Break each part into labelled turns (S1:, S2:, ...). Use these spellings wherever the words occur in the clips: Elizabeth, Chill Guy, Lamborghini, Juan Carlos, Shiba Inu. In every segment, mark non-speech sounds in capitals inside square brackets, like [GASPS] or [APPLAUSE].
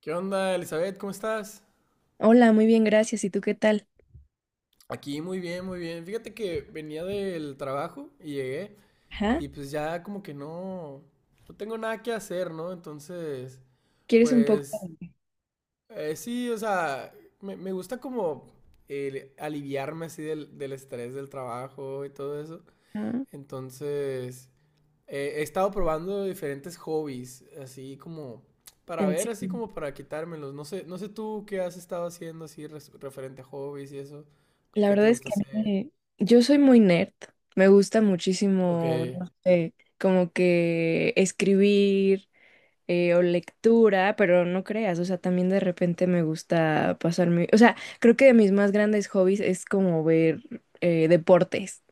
S1: ¿Qué onda, Elizabeth? ¿Cómo estás?
S2: Hola, muy bien, gracias. ¿Y tú qué tal?
S1: Aquí muy bien, muy bien. Fíjate que venía del trabajo y llegué
S2: Ajá.
S1: y pues ya como que no, no tengo nada que hacer, ¿no? Entonces,
S2: ¿Quieres un poco?
S1: pues sí, o sea, me gusta como el aliviarme así del estrés del trabajo y todo eso.
S2: Ajá.
S1: Entonces, he estado probando diferentes hobbies, así como para
S2: En
S1: ver,
S2: sí.
S1: así como para quitármelos. No sé, no sé tú qué has estado haciendo así referente a hobbies y eso.
S2: La
S1: ¿Qué te
S2: verdad es
S1: gusta
S2: que a mí
S1: hacer?
S2: me... Yo soy muy nerd. Me gusta
S1: Ok,
S2: muchísimo, no sé, como que escribir o lectura, pero no creas, o sea, también de repente me gusta pasar mi O sea, creo que de mis más grandes hobbies es como ver deportes.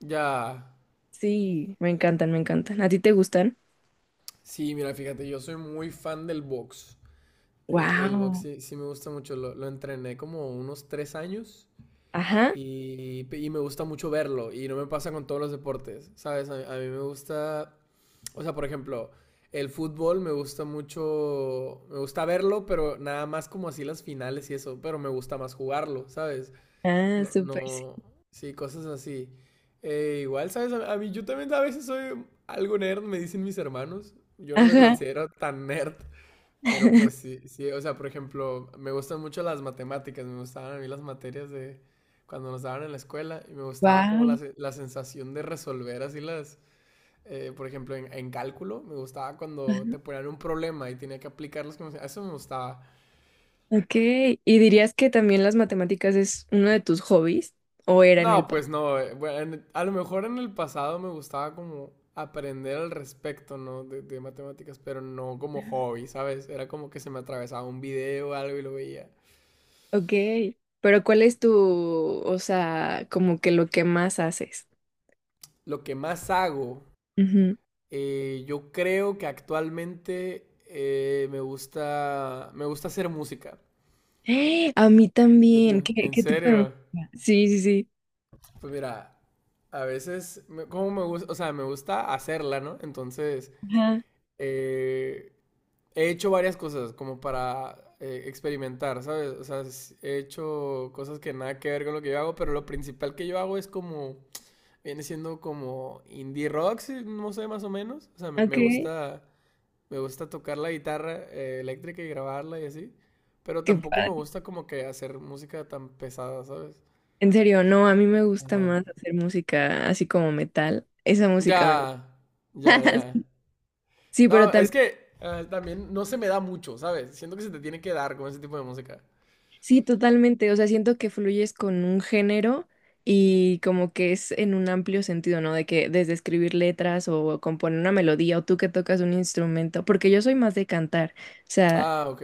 S1: ya.
S2: Sí, me encantan, me encantan. ¿A ti te gustan?
S1: Sí, mira, fíjate, yo soy muy fan del box. El box
S2: Wow.
S1: sí, sí me gusta mucho. Lo entrené como unos 3 años.
S2: Ajá.
S1: Y me gusta mucho verlo. Y no me pasa con todos los deportes, ¿sabes? A mí me gusta, o sea, por ejemplo, el fútbol me gusta mucho, me gusta verlo, pero nada más como así las finales y eso, pero me gusta más jugarlo, ¿sabes?
S2: Ah,
S1: No,
S2: súper, sí.
S1: no, sí, cosas así. Igual, ¿sabes? A mí yo también a veces soy algo nerd, me dicen mis hermanos. Yo no me
S2: Ajá.
S1: considero tan nerd. Pero pues
S2: [LAUGHS]
S1: sí, sí, o sea, por ejemplo, me gustan mucho las matemáticas, me gustaban a mí las materias de cuando nos daban en la escuela y me gustaba como
S2: Wow.
S1: la sensación de resolver así las, por ejemplo, en cálculo, me gustaba cuando te ponían un problema y tenía que aplicarlos como, eso me gustaba.
S2: Ok, ¿y dirías que también las matemáticas es uno de tus hobbies o era en el
S1: No,
S2: pasado?
S1: pues no, bueno, a lo mejor en el pasado me gustaba como aprender al respecto, ¿no? De matemáticas, pero no como hobby, ¿sabes? Era como que se me atravesaba un video o algo y lo veía.
S2: Ok, pero ¿cuál es tu, o sea, como que lo que más haces?
S1: Lo que más hago.
S2: Ujú.
S1: Yo creo que actualmente me gusta hacer música.
S2: [GASPS] ¡Eh! A mí
S1: Y yo
S2: también,
S1: creo,
S2: ¿qué,
S1: en
S2: qué tipo de
S1: serio.
S2: música? Sí, sí, sí.
S1: Pues mira, a veces, como me gusta, o sea, me gusta hacerla, ¿no? Entonces,
S2: Ajá.
S1: eh, he hecho varias cosas como para experimentar, ¿sabes? O sea, he hecho cosas que nada que ver con lo que yo hago, pero lo principal que yo hago es como, viene siendo como indie rock, sí, no sé, más o menos. O sea, me
S2: Ok,
S1: me gusta. Me gusta tocar la guitarra eléctrica y grabarla y así. Pero
S2: qué
S1: tampoco me
S2: padre.
S1: gusta como que hacer música tan pesada, ¿sabes?
S2: En serio, no, a mí me gusta
S1: Ajá.
S2: más hacer música así como metal. Esa música
S1: Ya, ya, ya.
S2: me [LAUGHS] Sí,
S1: No,
S2: pero
S1: es
S2: también
S1: que también no se me da mucho, ¿sabes? Siento que se te tiene que dar con ese tipo de música.
S2: Sí, totalmente. O sea, siento que fluyes con un género y como que es en un amplio sentido, ¿no? De que desde escribir letras o componer una melodía o tú que tocas un instrumento, porque yo soy más de cantar. O sea,
S1: Ah, ok.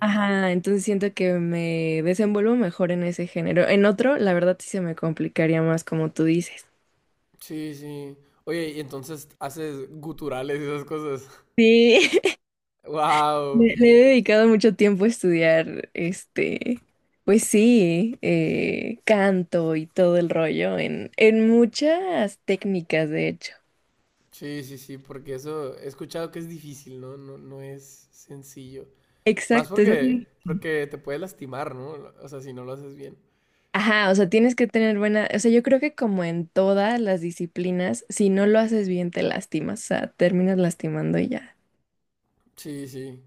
S2: ajá, entonces siento que me desenvuelvo mejor en ese género. En otro, la verdad sí se me complicaría más, como tú dices.
S1: Sí, sí. Oye, y entonces haces guturales y esas cosas. [LAUGHS]
S2: Sí, [LAUGHS]
S1: Wow.
S2: Le he dedicado mucho tiempo a estudiar, este, pues sí, canto y todo el rollo en muchas técnicas, de hecho.
S1: Sí, sí, sí, porque eso he escuchado que es difícil, ¿no? No, no es sencillo. Más
S2: Exacto, es
S1: porque,
S2: muy...
S1: porque te puedes lastimar, ¿no? O sea, si no lo haces bien.
S2: Ajá, o sea, tienes que tener buena, o sea, yo creo que como en todas las disciplinas, si no lo haces bien, te lastimas, o sea, terminas lastimando y ya.
S1: Sí, sí.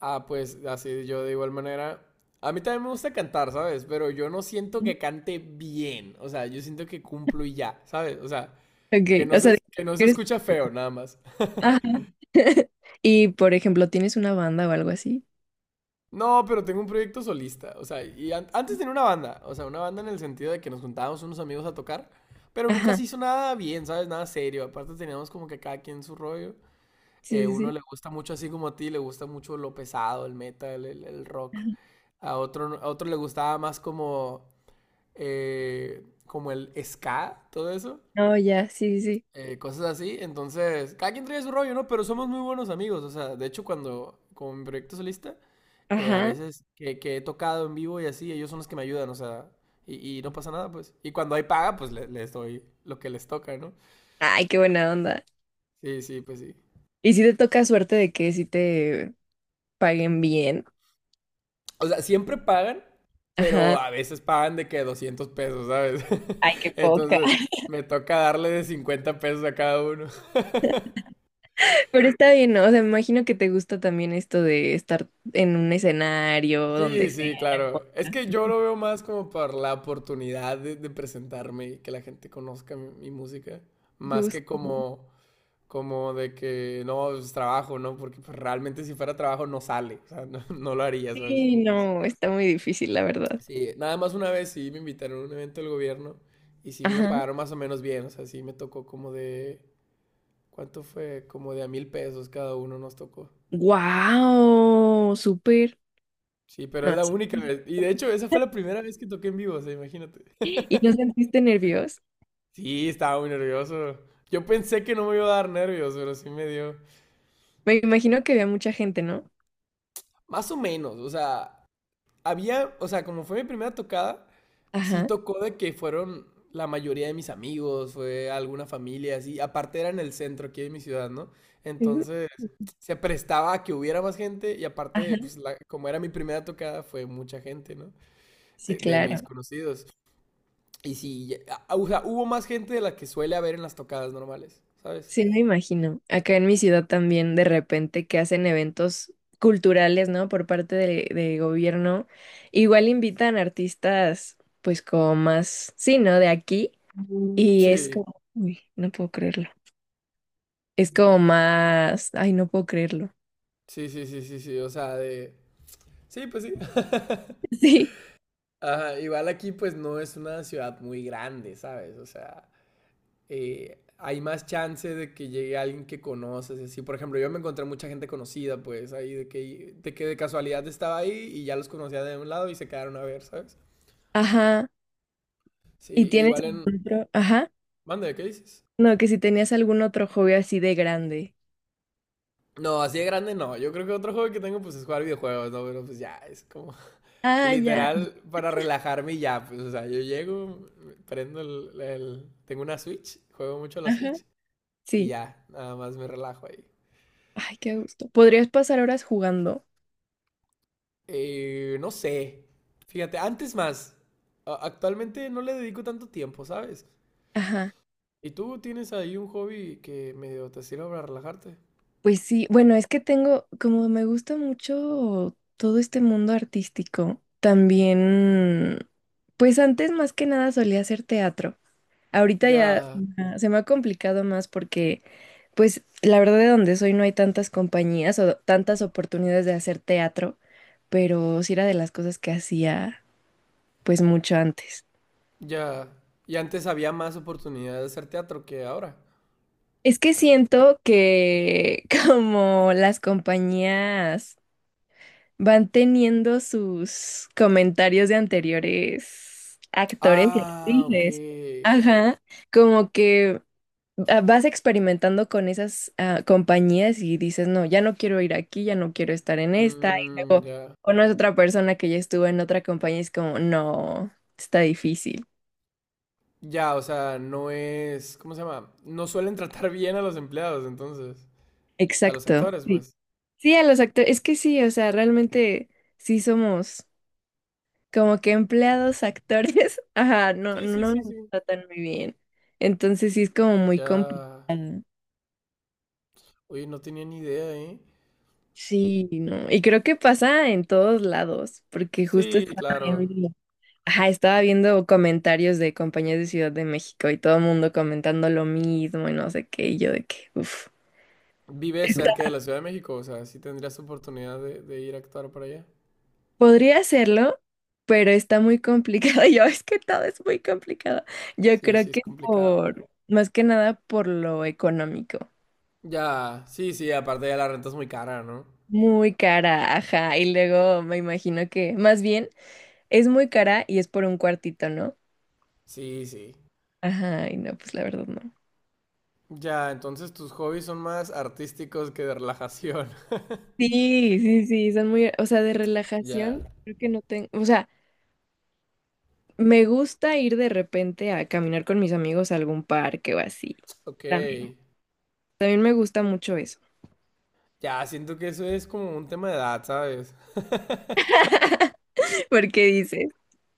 S1: Ah, pues así yo de igual manera. A mí también me gusta cantar, ¿sabes? Pero yo no siento que cante bien. O sea, yo siento que cumplo y ya, ¿sabes? O sea,
S2: Ok, o sea,
S1: que no se
S2: eres...
S1: escucha feo, nada más. [LAUGHS]
S2: Ajá. [LAUGHS] Y, por ejemplo, ¿tienes una banda o algo así?
S1: No, pero tengo un proyecto solista. O sea, y antes tenía una banda. O sea, una banda en el sentido de que nos juntábamos unos amigos a tocar. Pero nunca
S2: Ajá,
S1: se hizo nada bien, ¿sabes? Nada serio. Aparte teníamos como que cada quien su rollo.
S2: sí, sí,
S1: Uno
S2: sí.
S1: le gusta mucho así como a ti, le gusta mucho lo pesado, el metal, el rock.
S2: Ajá.
S1: A otro, a otro le gustaba más como, como el ska, todo eso.
S2: No, ya, sí, sí. Sí.
S1: Cosas así. Entonces, cada quien trae su rollo, ¿no? Pero somos muy buenos amigos. O sea, de hecho, cuando, con mi proyecto solista, a
S2: Ajá.
S1: veces que he tocado en vivo y así, ellos son los que me ayudan, o sea, y no pasa nada, pues. Y cuando hay paga, pues les doy lo que les toca, ¿no?
S2: Ay, qué buena onda.
S1: Sí, sí, pues sí.
S2: Y si te toca suerte de que si te paguen bien.
S1: O sea, siempre pagan, pero
S2: Ajá.
S1: a veces pagan de que $200, ¿sabes?
S2: Ay, qué
S1: [LAUGHS]
S2: poca.
S1: Entonces,
S2: [LAUGHS]
S1: me toca darle de $50 a cada uno. [LAUGHS]
S2: Pero está bien, ¿no? O sea, me imagino que te gusta también esto de estar en un escenario, donde
S1: Sí,
S2: sea,
S1: sí,
S2: no
S1: claro. Es que
S2: importa.
S1: yo lo veo más como por la oportunidad de presentarme y que la gente conozca mi, mi música, más que
S2: Justo.
S1: como, como de que no, es trabajo, ¿no? Porque pues, realmente si fuera trabajo no sale, o sea, [LAUGHS] no, no lo haría, ¿sabes?
S2: Sí, no, está muy difícil, la verdad.
S1: Sí, nada más una vez sí me invitaron a un evento del gobierno y sí me
S2: Ajá.
S1: pagaron más o menos bien, o sea, sí me tocó como de, ¿cuánto fue? Como de a $1,000 cada uno nos tocó.
S2: ¡Wow! ¡Súper!
S1: Sí, pero es
S2: No,
S1: la única
S2: sí.
S1: vez. Y de hecho, esa fue la primera vez que toqué en vivo, o sea, imagínate.
S2: ¿Y no sentiste nervios?
S1: Sí, estaba muy nervioso. Yo pensé que no me iba a dar nervios, pero sí me dio.
S2: Me imagino que había mucha gente, ¿no?
S1: Más o menos, o sea, había, o sea, como fue mi primera tocada, sí
S2: Ajá.
S1: tocó de que fueron la mayoría de mis amigos, fue alguna familia, así. Aparte era en el centro aquí de mi ciudad, ¿no?
S2: Ujú.
S1: Entonces se prestaba a que hubiera más gente y aparte,
S2: Ajá.
S1: pues como era mi primera tocada, fue mucha gente, ¿no?
S2: Sí,
S1: De mis
S2: claro.
S1: conocidos. Y sí, o sea, hubo más gente de la que suele haber en las tocadas normales, ¿sabes?
S2: Sí, me imagino. Acá en mi ciudad también de repente que hacen eventos culturales, ¿no? Por parte de gobierno. Igual invitan artistas, pues como más, sí, ¿no? De aquí. Y es
S1: Sí,
S2: como, uy, no puedo creerlo. Es como más, ay, no puedo creerlo.
S1: sí, sí, sí, sí, sí, o sea, de… Sí, pues sí. [LAUGHS]
S2: [LAUGHS] Sí,
S1: Ajá, igual aquí pues no es una ciudad muy grande, ¿sabes? O sea… hay más chance de que llegue alguien que conoces. Así, por ejemplo, yo me encontré mucha gente conocida, pues, ahí de que de casualidad estaba ahí y ya los conocía de un lado y se quedaron a ver, ¿sabes?
S2: ajá.
S1: Sí,
S2: ¿Y tienes
S1: igual en…
S2: algún otro? Ajá.
S1: Mande, ¿qué dices?
S2: No, que si tenías algún otro hobby así de grande.
S1: No, así de grande no. Yo creo que otro juego que tengo pues es jugar videojuegos, ¿no? Pero pues ya, es como [LAUGHS]
S2: Ah, ya.
S1: literal para relajarme y ya, pues, o sea, yo llego, prendo Tengo una Switch, juego mucho a la
S2: Ajá.
S1: Switch y
S2: Sí.
S1: ya, nada más me relajo ahí.
S2: Ay, qué gusto. ¿Podrías pasar horas jugando?
S1: No sé. Fíjate, antes más. Actualmente no le dedico tanto tiempo, ¿sabes?
S2: Ajá.
S1: ¿Y tú tienes ahí un hobby que medio te sirve para relajarte?
S2: Pues sí, bueno, es que tengo, como me gusta mucho todo este mundo artístico, también, pues antes más que nada solía hacer teatro. Ahorita ya
S1: Ya,
S2: se me ha complicado más porque, pues la verdad de donde soy no hay tantas compañías o tantas oportunidades de hacer teatro, pero sí era de las cosas que hacía pues mucho antes.
S1: ya. Y antes había más oportunidad de hacer teatro que ahora.
S2: Es que siento que [LAUGHS] como las compañías van teniendo sus comentarios de anteriores actores y
S1: Ah,
S2: actrices.
S1: ok.
S2: Ajá, como que ah, vas experimentando con esas ah, compañías y dices, no, ya no quiero ir aquí, ya no quiero estar en esta. Y
S1: Mm,
S2: luego
S1: ya.
S2: conoces otra persona que ya estuvo en otra compañía y es como, no, está difícil.
S1: Ya, o sea, no es, ¿cómo se llama? No suelen tratar [LAUGHS] bien a los empleados, entonces, a los
S2: Exacto.
S1: actores,
S2: Sí.
S1: pues.
S2: Sí, a los actores, es que sí, o sea, realmente sí somos. Como que empleados, actores, [LAUGHS] ajá, no,
S1: Sí,
S2: no,
S1: sí,
S2: no
S1: sí,
S2: me
S1: sí.
S2: tratan muy bien. Entonces sí es como muy complicado.
S1: Ya. Oye, no tenía ni idea, ¿eh?
S2: Sí, no. Y creo que pasa en todos lados, porque justo
S1: Sí,
S2: estaba
S1: claro.
S2: viendo, ajá, estaba viendo comentarios de compañías de Ciudad de México y todo el mundo comentando lo mismo y no sé qué, y yo de que, uff.
S1: ¿Vive cerca de la Ciudad de México? O sea, sí tendrías oportunidad de ir a actuar para allá.
S2: Podría hacerlo, pero está muy complicado. [LAUGHS] Yo, es que todo es muy complicado. Yo
S1: Sí, sí,
S2: creo
S1: es
S2: que
S1: complicado.
S2: por, más que nada por lo económico.
S1: Ya, sí, sí, aparte ya la renta es muy cara, ¿no?
S2: Muy cara, ajá. Y luego me imagino que, más bien, es muy cara y es por un cuartito, ¿no?
S1: Sí, sí.
S2: Ajá, y no, pues la verdad no.
S1: Ya, entonces tus hobbies son más artísticos que de relajación. [LAUGHS]
S2: Sí, sí, sí, son muy, o sea, de relajación,
S1: Ya,
S2: creo que no tengo, o sea, me gusta ir de repente a caminar con mis amigos a algún parque o así.
S1: ok.
S2: También. También me gusta mucho eso.
S1: Ya, siento que eso es como un tema de edad, ¿sabes?
S2: [LAUGHS] Porque dices,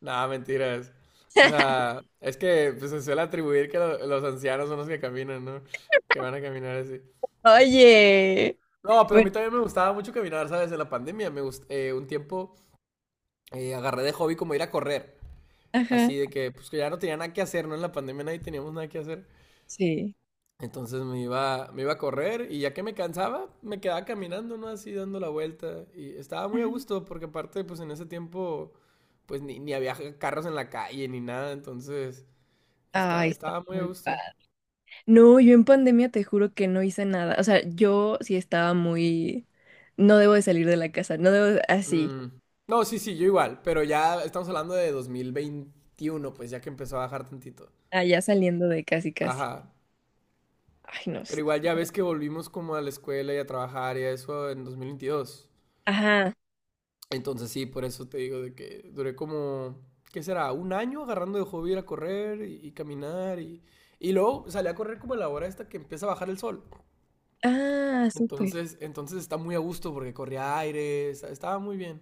S1: Nada, mentiras. O sea, es que pues, se suele atribuir que los ancianos son los que caminan, ¿no? Que van a caminar así.
S2: oye,
S1: No, pero a mí
S2: bueno,
S1: también me gustaba mucho caminar, ¿sabes? En la pandemia un tiempo agarré de hobby como ir a correr.
S2: ajá,
S1: Así de que, pues que ya no tenía nada que hacer, ¿no? En la pandemia nadie teníamos nada que hacer.
S2: sí.
S1: Entonces me iba a correr y ya que me cansaba, me quedaba caminando, ¿no? Así dando la vuelta. Y estaba muy a
S2: Ajá.
S1: gusto porque aparte, pues en ese tiempo, pues ni había carros en la calle ni nada. Entonces
S2: Ay, está
S1: estaba muy a
S2: muy
S1: gusto.
S2: No, yo en pandemia te juro que no hice nada. O sea, yo sí estaba muy... No debo de salir de la casa, no debo de- así,
S1: Mm. No, sí, sí, yo igual. Pero ya estamos hablando de 2021, pues ya que empezó a bajar tantito.
S2: allá saliendo de casi casi.
S1: Ajá.
S2: Ay, no,
S1: Pero
S2: sí.
S1: igual ya ves que volvimos como a la escuela y a trabajar y a eso en 2022.
S2: Ajá.
S1: Entonces sí, por eso te digo de que duré como, ¿qué será? 1 año agarrando de hobby ir a correr y caminar y… Y luego salí a correr como a la hora esta que empieza a bajar el sol.
S2: Ah, súper.
S1: Entonces, entonces está muy a gusto porque corría aire, estaba muy bien.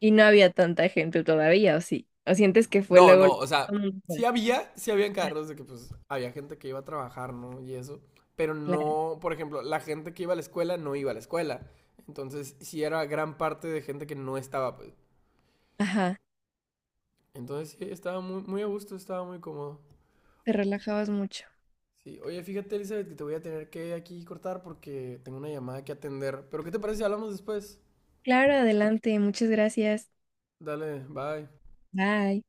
S2: Y no había tanta gente todavía, ¿o sí? ¿O sientes que fue
S1: No,
S2: luego...
S1: no, o sea,
S2: Mm,
S1: sí había, sí habían
S2: ah,
S1: carros de que pues había gente que iba a trabajar, ¿no? Y eso, pero
S2: claro.
S1: no, por ejemplo, la gente que iba a la escuela no iba a la escuela. Entonces, sí era gran parte de gente que no estaba, pues.
S2: Ajá.
S1: Entonces, sí, estaba muy, muy a gusto, estaba muy cómodo.
S2: Te relajabas mucho.
S1: Sí, oye, fíjate, Elizabeth, que te voy a tener que aquí cortar porque tengo una llamada que atender. Pero, ¿qué te parece si hablamos después?
S2: Claro, adelante. Muchas gracias.
S1: Dale, bye.
S2: Bye.